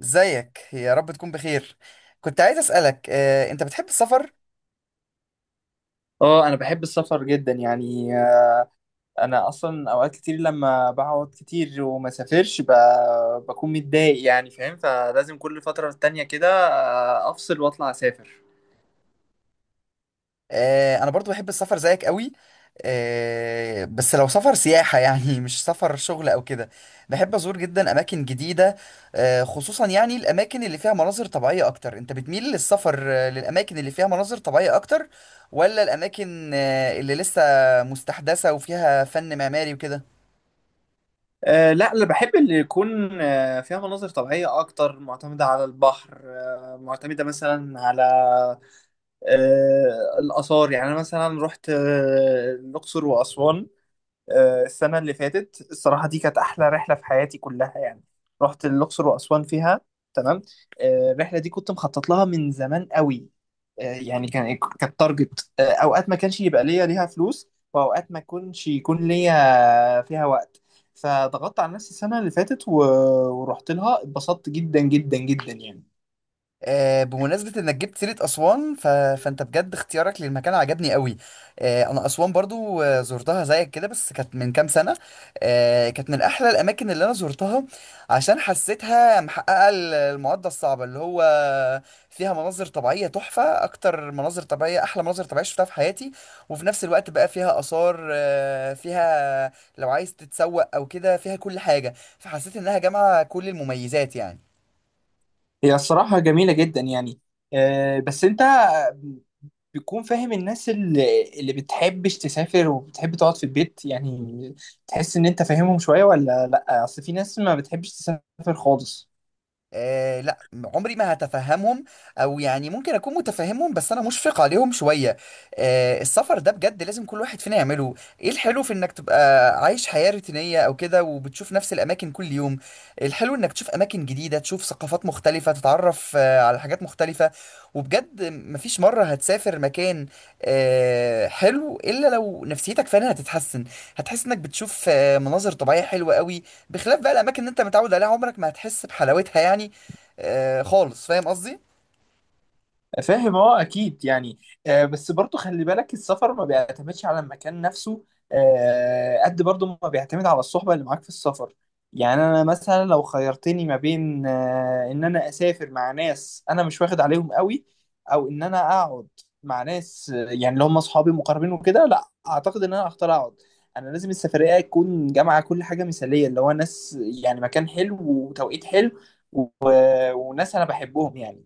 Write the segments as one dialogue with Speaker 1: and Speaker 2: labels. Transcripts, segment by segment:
Speaker 1: ازيك؟ يا رب تكون بخير. كنت عايز اسالك، انت بتحب السفر؟
Speaker 2: اه، انا بحب السفر جدا يعني. انا اصلا اوقات كتير لما بقعد كتير وما سافرش بكون متضايق يعني، فاهم. فلازم كل فترة تانية كده افصل واطلع اسافر.
Speaker 1: انا برضو بحب السفر زيك قوي. بس لو سفر سياحه يعني مش سفر شغل او كده. بحب ازور جدا اماكن جديده، خصوصا يعني الاماكن اللي فيها مناظر طبيعيه اكتر. انت بتميل للسفر للاماكن اللي فيها مناظر طبيعيه اكتر، ولا الاماكن اللي لسه مستحدثه وفيها فن معماري وكده؟
Speaker 2: لا، انا بحب اللي يكون فيها مناظر طبيعية اكتر، معتمدة على البحر، معتمدة مثلا على الآثار. يعني انا مثلا رحت الأقصر وأسوان السنة اللي فاتت. الصراحة دي كانت أحلى رحلة في حياتي كلها يعني. رحت الأقصر وأسوان فيها. تمام. الرحلة دي كنت مخطط لها من زمان قوي. يعني كان كانت تارجت. أوقات ما كانش يبقى ليها فلوس، وأوقات ما كنش يكون ليا فيها وقت. فضغطت على نفسي السنة اللي فاتت ورحت لها، اتبسطت جدا جدا جدا يعني.
Speaker 1: بمناسبة انك جبت سيرة اسوان، فانت بجد اختيارك للمكان عجبني قوي. انا اسوان برضو زرتها زيك كده، بس كانت من كام سنة. كانت من احلى الاماكن اللي انا زرتها، عشان حسيتها محققة المعادلة الصعبة، اللي هو فيها مناظر طبيعية تحفة، اكتر مناظر طبيعية، احلى مناظر طبيعية شفتها في حياتي. وفي نفس الوقت بقى فيها اثار، فيها لو عايز تتسوق او كده فيها كل حاجة، فحسيت انها جامعة كل المميزات يعني.
Speaker 2: هي الصراحة جميلة جدا يعني. بس أنت بتكون فاهم الناس اللي بتحبش تسافر وبتحب تقعد في البيت يعني. تحس ان انت فاهمهم شوية ولا لا؟ اصل في ناس ما بتحبش تسافر خالص.
Speaker 1: آه لا، عمري ما هتفهمهم، او يعني ممكن اكون متفهمهم بس انا مشفق عليهم شويه. السفر ده بجد لازم كل واحد فينا يعمله. ايه الحلو في انك تبقى عايش حياه روتينيه او كده، وبتشوف نفس الاماكن كل يوم؟ الحلو انك تشوف اماكن جديده، تشوف ثقافات مختلفه، تتعرف على حاجات مختلفه. وبجد مفيش مره هتسافر مكان حلو الا لو نفسيتك فعلا هتتحسن، هتحس انك بتشوف مناظر طبيعيه حلوه قوي بخلاف بقى الاماكن اللي انت متعود عليها. عمرك ما هتحس بحلاوتها يعني خالص، فاهم قصدي؟
Speaker 2: فاهم، اه، اكيد يعني. بس برضو خلي بالك السفر ما بيعتمدش على المكان نفسه. قد برضو ما بيعتمد على الصحبة اللي معاك في السفر. يعني انا مثلا لو خيرتني ما بين ان انا اسافر مع ناس انا مش واخد عليهم قوي، او ان انا اقعد مع ناس يعني اللي هم اصحابي مقربين وكده، لا اعتقد ان انا هختار اقعد. انا لازم السفرية تكون جامعة كل حاجة مثالية، اللي هو ناس، يعني مكان حلو وتوقيت حلو و... وناس انا بحبهم يعني.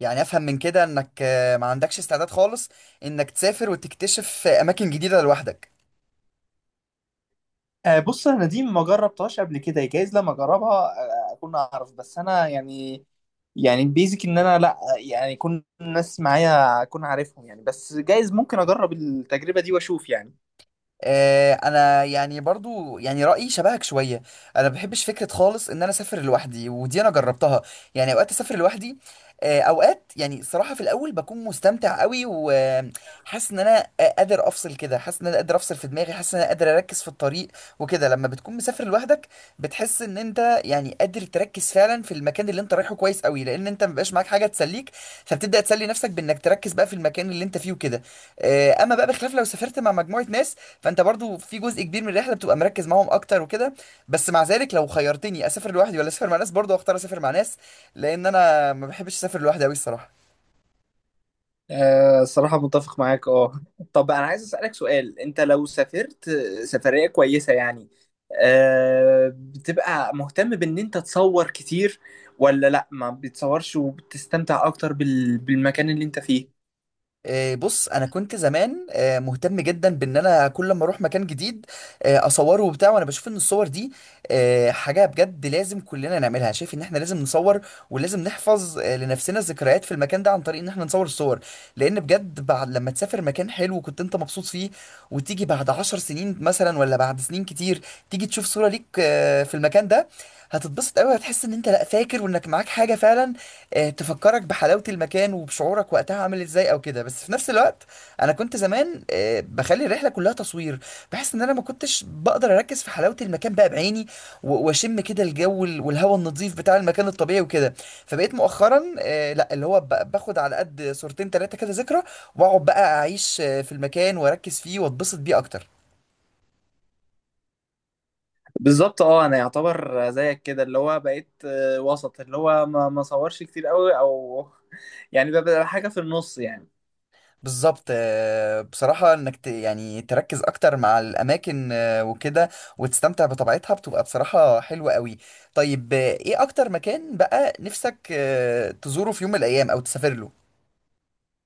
Speaker 1: يعني افهم من كده انك ما عندكش استعداد خالص انك تسافر وتكتشف اماكن جديده لوحدك.
Speaker 2: بص، انا دي ما جربتهاش قبل كده. جايز لما اجربها اكون اعرف. بس انا يعني بيزك ان انا، لا، يعني يكون الناس معايا اكون عارفهم يعني. بس جايز ممكن اجرب التجربة دي واشوف يعني.
Speaker 1: انا يعني برضو يعني رايي شبهك شويه. انا ما بحبش فكره خالص ان انا اسافر لوحدي، ودي انا جربتها. يعني اوقات اسافر لوحدي، اوقات يعني الصراحه في الاول بكون مستمتع قوي، وحاسس ان انا قادر افصل كده، حاسس ان انا قادر افصل في دماغي، حاسس ان انا قادر اركز في الطريق وكده. لما بتكون مسافر لوحدك بتحس ان انت يعني قادر تركز فعلا في المكان اللي انت رايحه كويس قوي، لان انت مبقاش معاك حاجه تسليك، فبتبدا تسلي نفسك بانك تركز بقى في المكان اللي انت فيه وكده. اما بقى بخلاف لو سافرت مع مجموعه ناس، فانت برضو في جزء كبير من الرحله بتبقى مركز معاهم اكتر وكده. بس مع ذلك لو خيرتني اسافر لوحدي ولا اسافر مع ناس، برضو اختار اسافر مع ناس، لان انا ما بحبش اسافر لوحدي قوي الصراحه.
Speaker 2: الصراحة متفق معاك، اه. طب انا عايز اسألك سؤال: انت لو سافرت سفرية كويسة يعني، بتبقى مهتم بان انت تصور كتير، ولا لا ما بتصورش وبتستمتع اكتر بالمكان اللي انت فيه؟
Speaker 1: بص انا كنت زمان مهتم جدا بان انا كل ما اروح مكان جديد اصوره وبتاع. وانا بشوف ان الصور دي حاجه بجد لازم كلنا نعملها، شايف ان احنا لازم نصور، ولازم نحفظ لنفسنا الذكريات في المكان ده عن طريق ان احنا نصور الصور. لان بجد بعد لما تسافر مكان حلو كنت انت مبسوط فيه، وتيجي بعد 10 سنين مثلا ولا بعد سنين كتير، تيجي تشوف صوره ليك في المكان ده، هتتبسط قوي. هتحس ان انت لا فاكر وانك معاك حاجه فعلا تفكرك بحلاوة المكان وبشعورك وقتها عامل ازاي او كده. بس في نفس الوقت انا كنت زمان بخلي الرحلة كلها تصوير، بحس ان انا ما كنتش بقدر اركز في حلاوة المكان بقى بعيني، واشم كده الجو والهواء النظيف بتاع المكان الطبيعي وكده. فبقيت مؤخرا لا، اللي هو باخد على قد صورتين تلاتة كده ذكرى، واقعد بقى اعيش في المكان واركز فيه واتبسط بيه اكتر.
Speaker 2: بالظبط، اه. انا يعتبر زيك كده، اللي هو بقيت وسط، اللي هو ما صورش كتير قوي، او يعني ببقى حاجه في النص يعني.
Speaker 1: بالظبط. بصراحة انك يعني تركز اكتر مع الاماكن وكده، وتستمتع بطبيعتها بتبقى بصراحة حلوة قوي. طيب، ايه اكتر مكان بقى نفسك تزوره في يوم من الايام او تسافر له؟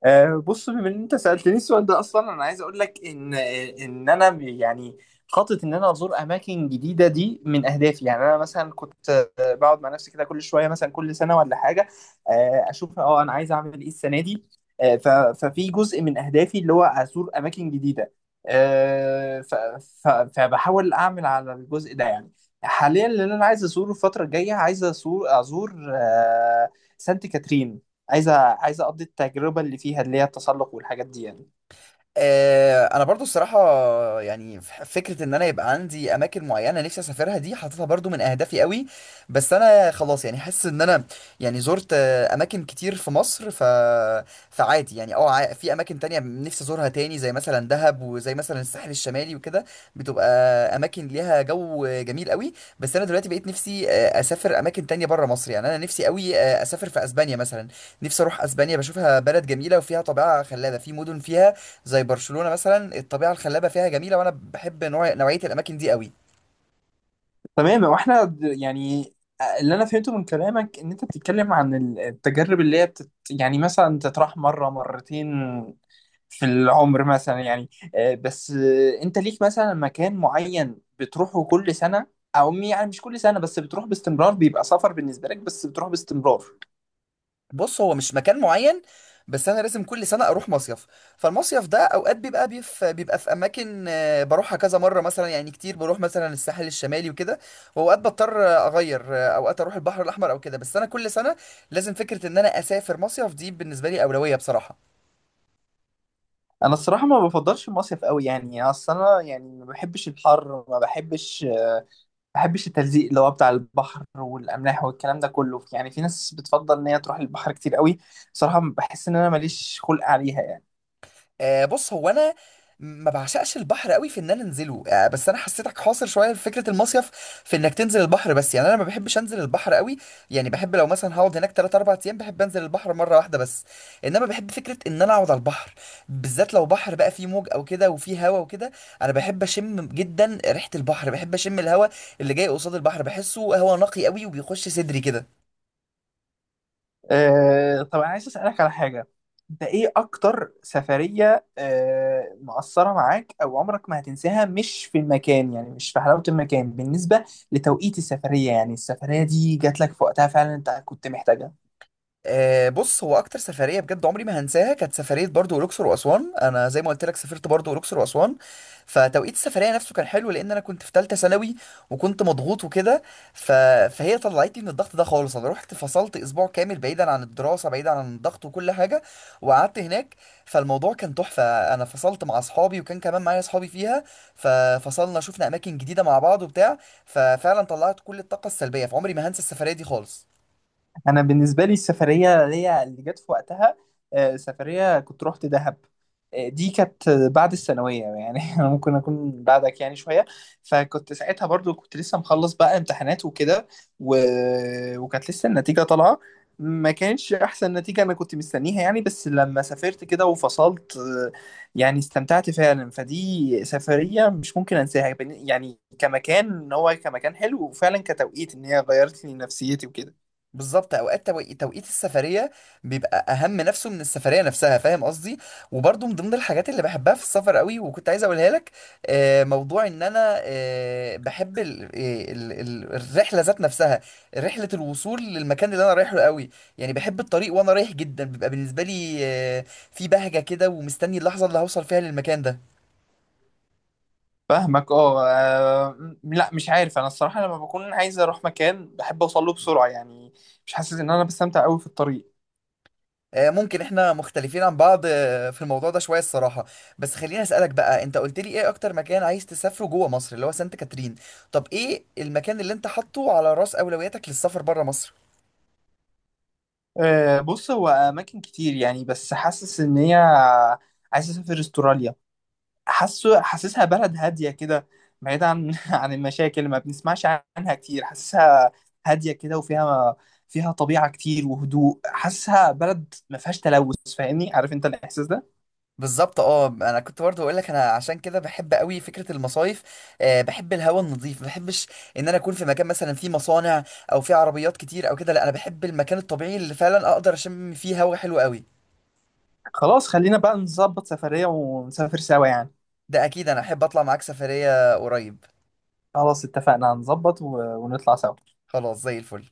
Speaker 2: بص، بما ان انت سالتني السؤال ده اصلا، انا عايز اقول لك ان انا يعني خاطط ان انا ازور اماكن جديده، دي من اهدافي يعني. انا مثلا كنت بقعد مع نفسي كده كل شويه، مثلا كل سنه ولا حاجه، اشوف انا عايز اعمل ايه السنه دي. آه، ف- ففي جزء من اهدافي اللي هو ازور اماكن جديده. آه، ف- ف- فبحاول اعمل على الجزء ده يعني. حاليا اللي انا عايز ازوره الفتره الجايه، عايز ازور سانت كاترين. عايزه اقضي التجربه اللي فيها، اللي هي التسلق والحاجات دي يعني.
Speaker 1: انا برضو الصراحه يعني فكره ان انا يبقى عندي اماكن معينه نفسي اسافرها دي، حاططها برضو من اهدافي قوي. بس انا خلاص يعني حاسس ان انا يعني زرت اماكن كتير في مصر، فعادي يعني. في اماكن تانية نفسي ازورها تاني زي مثلا دهب، وزي مثلا الساحل الشمالي وكده، بتبقى اماكن ليها جو جميل قوي. بس انا دلوقتي بقيت نفسي اسافر اماكن تانية بره مصر. يعني انا نفسي قوي اسافر في اسبانيا مثلا، نفسي اروح اسبانيا. بشوفها بلد جميله وفيها طبيعه خلابه، في مدن فيها زي برشلونة مثلا الطبيعة الخلابة فيها جميلة، وانا بحب نوعية الاماكن دي قوي.
Speaker 2: تمام. واحنا يعني اللي انا فهمته من كلامك ان انت بتتكلم عن التجارب اللي هي يعني مثلا تطرح مره مرتين في العمر مثلا يعني. بس انت ليك مثلا مكان معين بتروحه كل سنه، او يعني مش كل سنه بس بتروح باستمرار، بيبقى سفر بالنسبه لك، بس بتروح باستمرار؟
Speaker 1: بص هو مش مكان معين، بس انا لازم كل سنة اروح مصيف. فالمصيف ده اوقات بيبقى بيبقى في اماكن بروحها كذا مرة مثلا، يعني كتير بروح مثلا الساحل الشمالي وكده. واوقات بضطر اغير، اوقات اروح البحر الاحمر او كده. بس انا كل سنة لازم فكرة ان انا اسافر مصيف دي بالنسبة لي اولوية بصراحة.
Speaker 2: انا الصراحه ما بفضلش المصيف قوي يعني. اصل انا يعني ما بحبش الحر، ما بحبش التلزيق اللي هو بتاع البحر والاملاح والكلام ده كله يعني. في ناس بتفضل ان هي تروح البحر كتير قوي. صراحه بحس ان انا ماليش خلق عليها يعني.
Speaker 1: بص هو انا ما بعشقش البحر قوي في ان انا انزله، بس انا حسيتك حاصر شويه في فكره المصيف، في انك تنزل البحر بس. يعني انا ما بحبش انزل البحر قوي. يعني بحب لو مثلا هقعد هناك 3 4 ايام بحب انزل البحر مره واحده بس. انما بحب فكره ان انا اقعد على البحر، بالذات لو بحر بقى فيه موج او كده وفيه هوا وكده. انا بحب اشم جدا ريحه البحر، بحب اشم الهوا اللي جاي قصاد البحر، بحسه هوا نقي قوي وبيخش صدري كده.
Speaker 2: طب انا عايز اسالك على حاجه: انت ايه اكتر سفريه مأثره معاك او عمرك ما هتنساها، مش في المكان، يعني مش في حلاوه المكان، بالنسبه لتوقيت السفريه؟ يعني السفريه دي جات لك في وقتها فعلا، انت كنت محتاجها.
Speaker 1: بص هو اكتر سفريه بجد عمري ما هنساها كانت سفريه برضو الاقصر واسوان. انا زي ما قلت لك سافرت برضو الاقصر واسوان. فتوقيت السفريه نفسه كان حلو لان انا كنت في ثالثه ثانوي وكنت مضغوط وكده، ف... فهي طلعتني من الضغط ده خالص. انا رحت فصلت اسبوع كامل بعيدا عن الدراسه، بعيدا عن الضغط وكل حاجه، وقعدت هناك، فالموضوع كان تحفه. انا فصلت مع اصحابي وكان كمان معايا اصحابي فيها، ففصلنا شفنا اماكن جديده مع بعض وبتاع. ففعلا طلعت كل الطاقه السلبيه، فعمري ما هنسى السفريه دي خالص.
Speaker 2: انا بالنسبه لي السفريه اللي هي اللي جت في وقتها سفريه كنت رحت دهب. دي كانت بعد الثانويه يعني. أنا ممكن اكون بعدك يعني شويه. فكنت ساعتها برضو كنت لسه مخلص بقى امتحانات وكده و... وكانت لسه النتيجه طالعه. ما كانتش احسن نتيجه انا كنت مستنيها يعني، بس لما سافرت كده وفصلت يعني استمتعت فعلا. فدي سفريه مش ممكن انساها يعني كمكان، ان هو كمكان حلو، وفعلا كتوقيت ان هي غيرت لي نفسيتي وكده.
Speaker 1: بالظبط، اوقات توقيت السفريه بيبقى اهم نفسه من السفريه نفسها، فاهم قصدي؟ وبرضه من ضمن الحاجات اللي بحبها في السفر قوي وكنت عايز اقولها لك، موضوع ان انا بحب الرحله ذات نفسها، رحله الوصول للمكان اللي انا رايحه قوي. يعني بحب الطريق وانا رايح جدا، بيبقى بالنسبه لي في بهجه كده، ومستني اللحظه اللي هوصل فيها للمكان ده.
Speaker 2: فاهمك، اه. لا، مش عارف. انا الصراحه لما بكون عايز اروح مكان بحب اوصل له بسرعه يعني، مش حاسس ان انا بستمتع قوي في الطريق.
Speaker 1: ممكن احنا مختلفين عن بعض في الموضوع ده شوية الصراحة. بس خليني اسألك بقى، انت قلت لي ايه اكتر مكان عايز تسافره جوه مصر اللي هو سانت كاترين، طب ايه المكان اللي انت حاطه على رأس اولوياتك للسفر بره مصر؟
Speaker 2: بص، هو اماكن كتير يعني، بس حاسس ان هي عايز اسافر استراليا. حاسسها بلد هاديه كده، بعيد عن عن المشاكل اللي ما بنسمعش عنها كتير. حاسسها هاديه كده، وفيها طبيعه كتير وهدوء. حاسسها بلد ما فيهاش تلوث، فاهمني؟ عارف انت الاحساس ده.
Speaker 1: بالظبط اه، انا كنت برضه اقول لك انا عشان كده بحب قوي فكره المصايف. بحب الهواء النظيف، ما بحبش ان انا اكون في مكان مثلا فيه مصانع او فيه عربيات كتير او كده. لا انا بحب المكان الطبيعي اللي فعلا اقدر اشم فيه هواء حلو قوي.
Speaker 2: خلاص، خلينا بقى نظبط سفريه ونسافر سوا يعني.
Speaker 1: ده اكيد، انا احب اطلع معاك سفريه قريب.
Speaker 2: خلاص اتفقنا، هنظبط ونطلع سوا.
Speaker 1: خلاص زي الفل.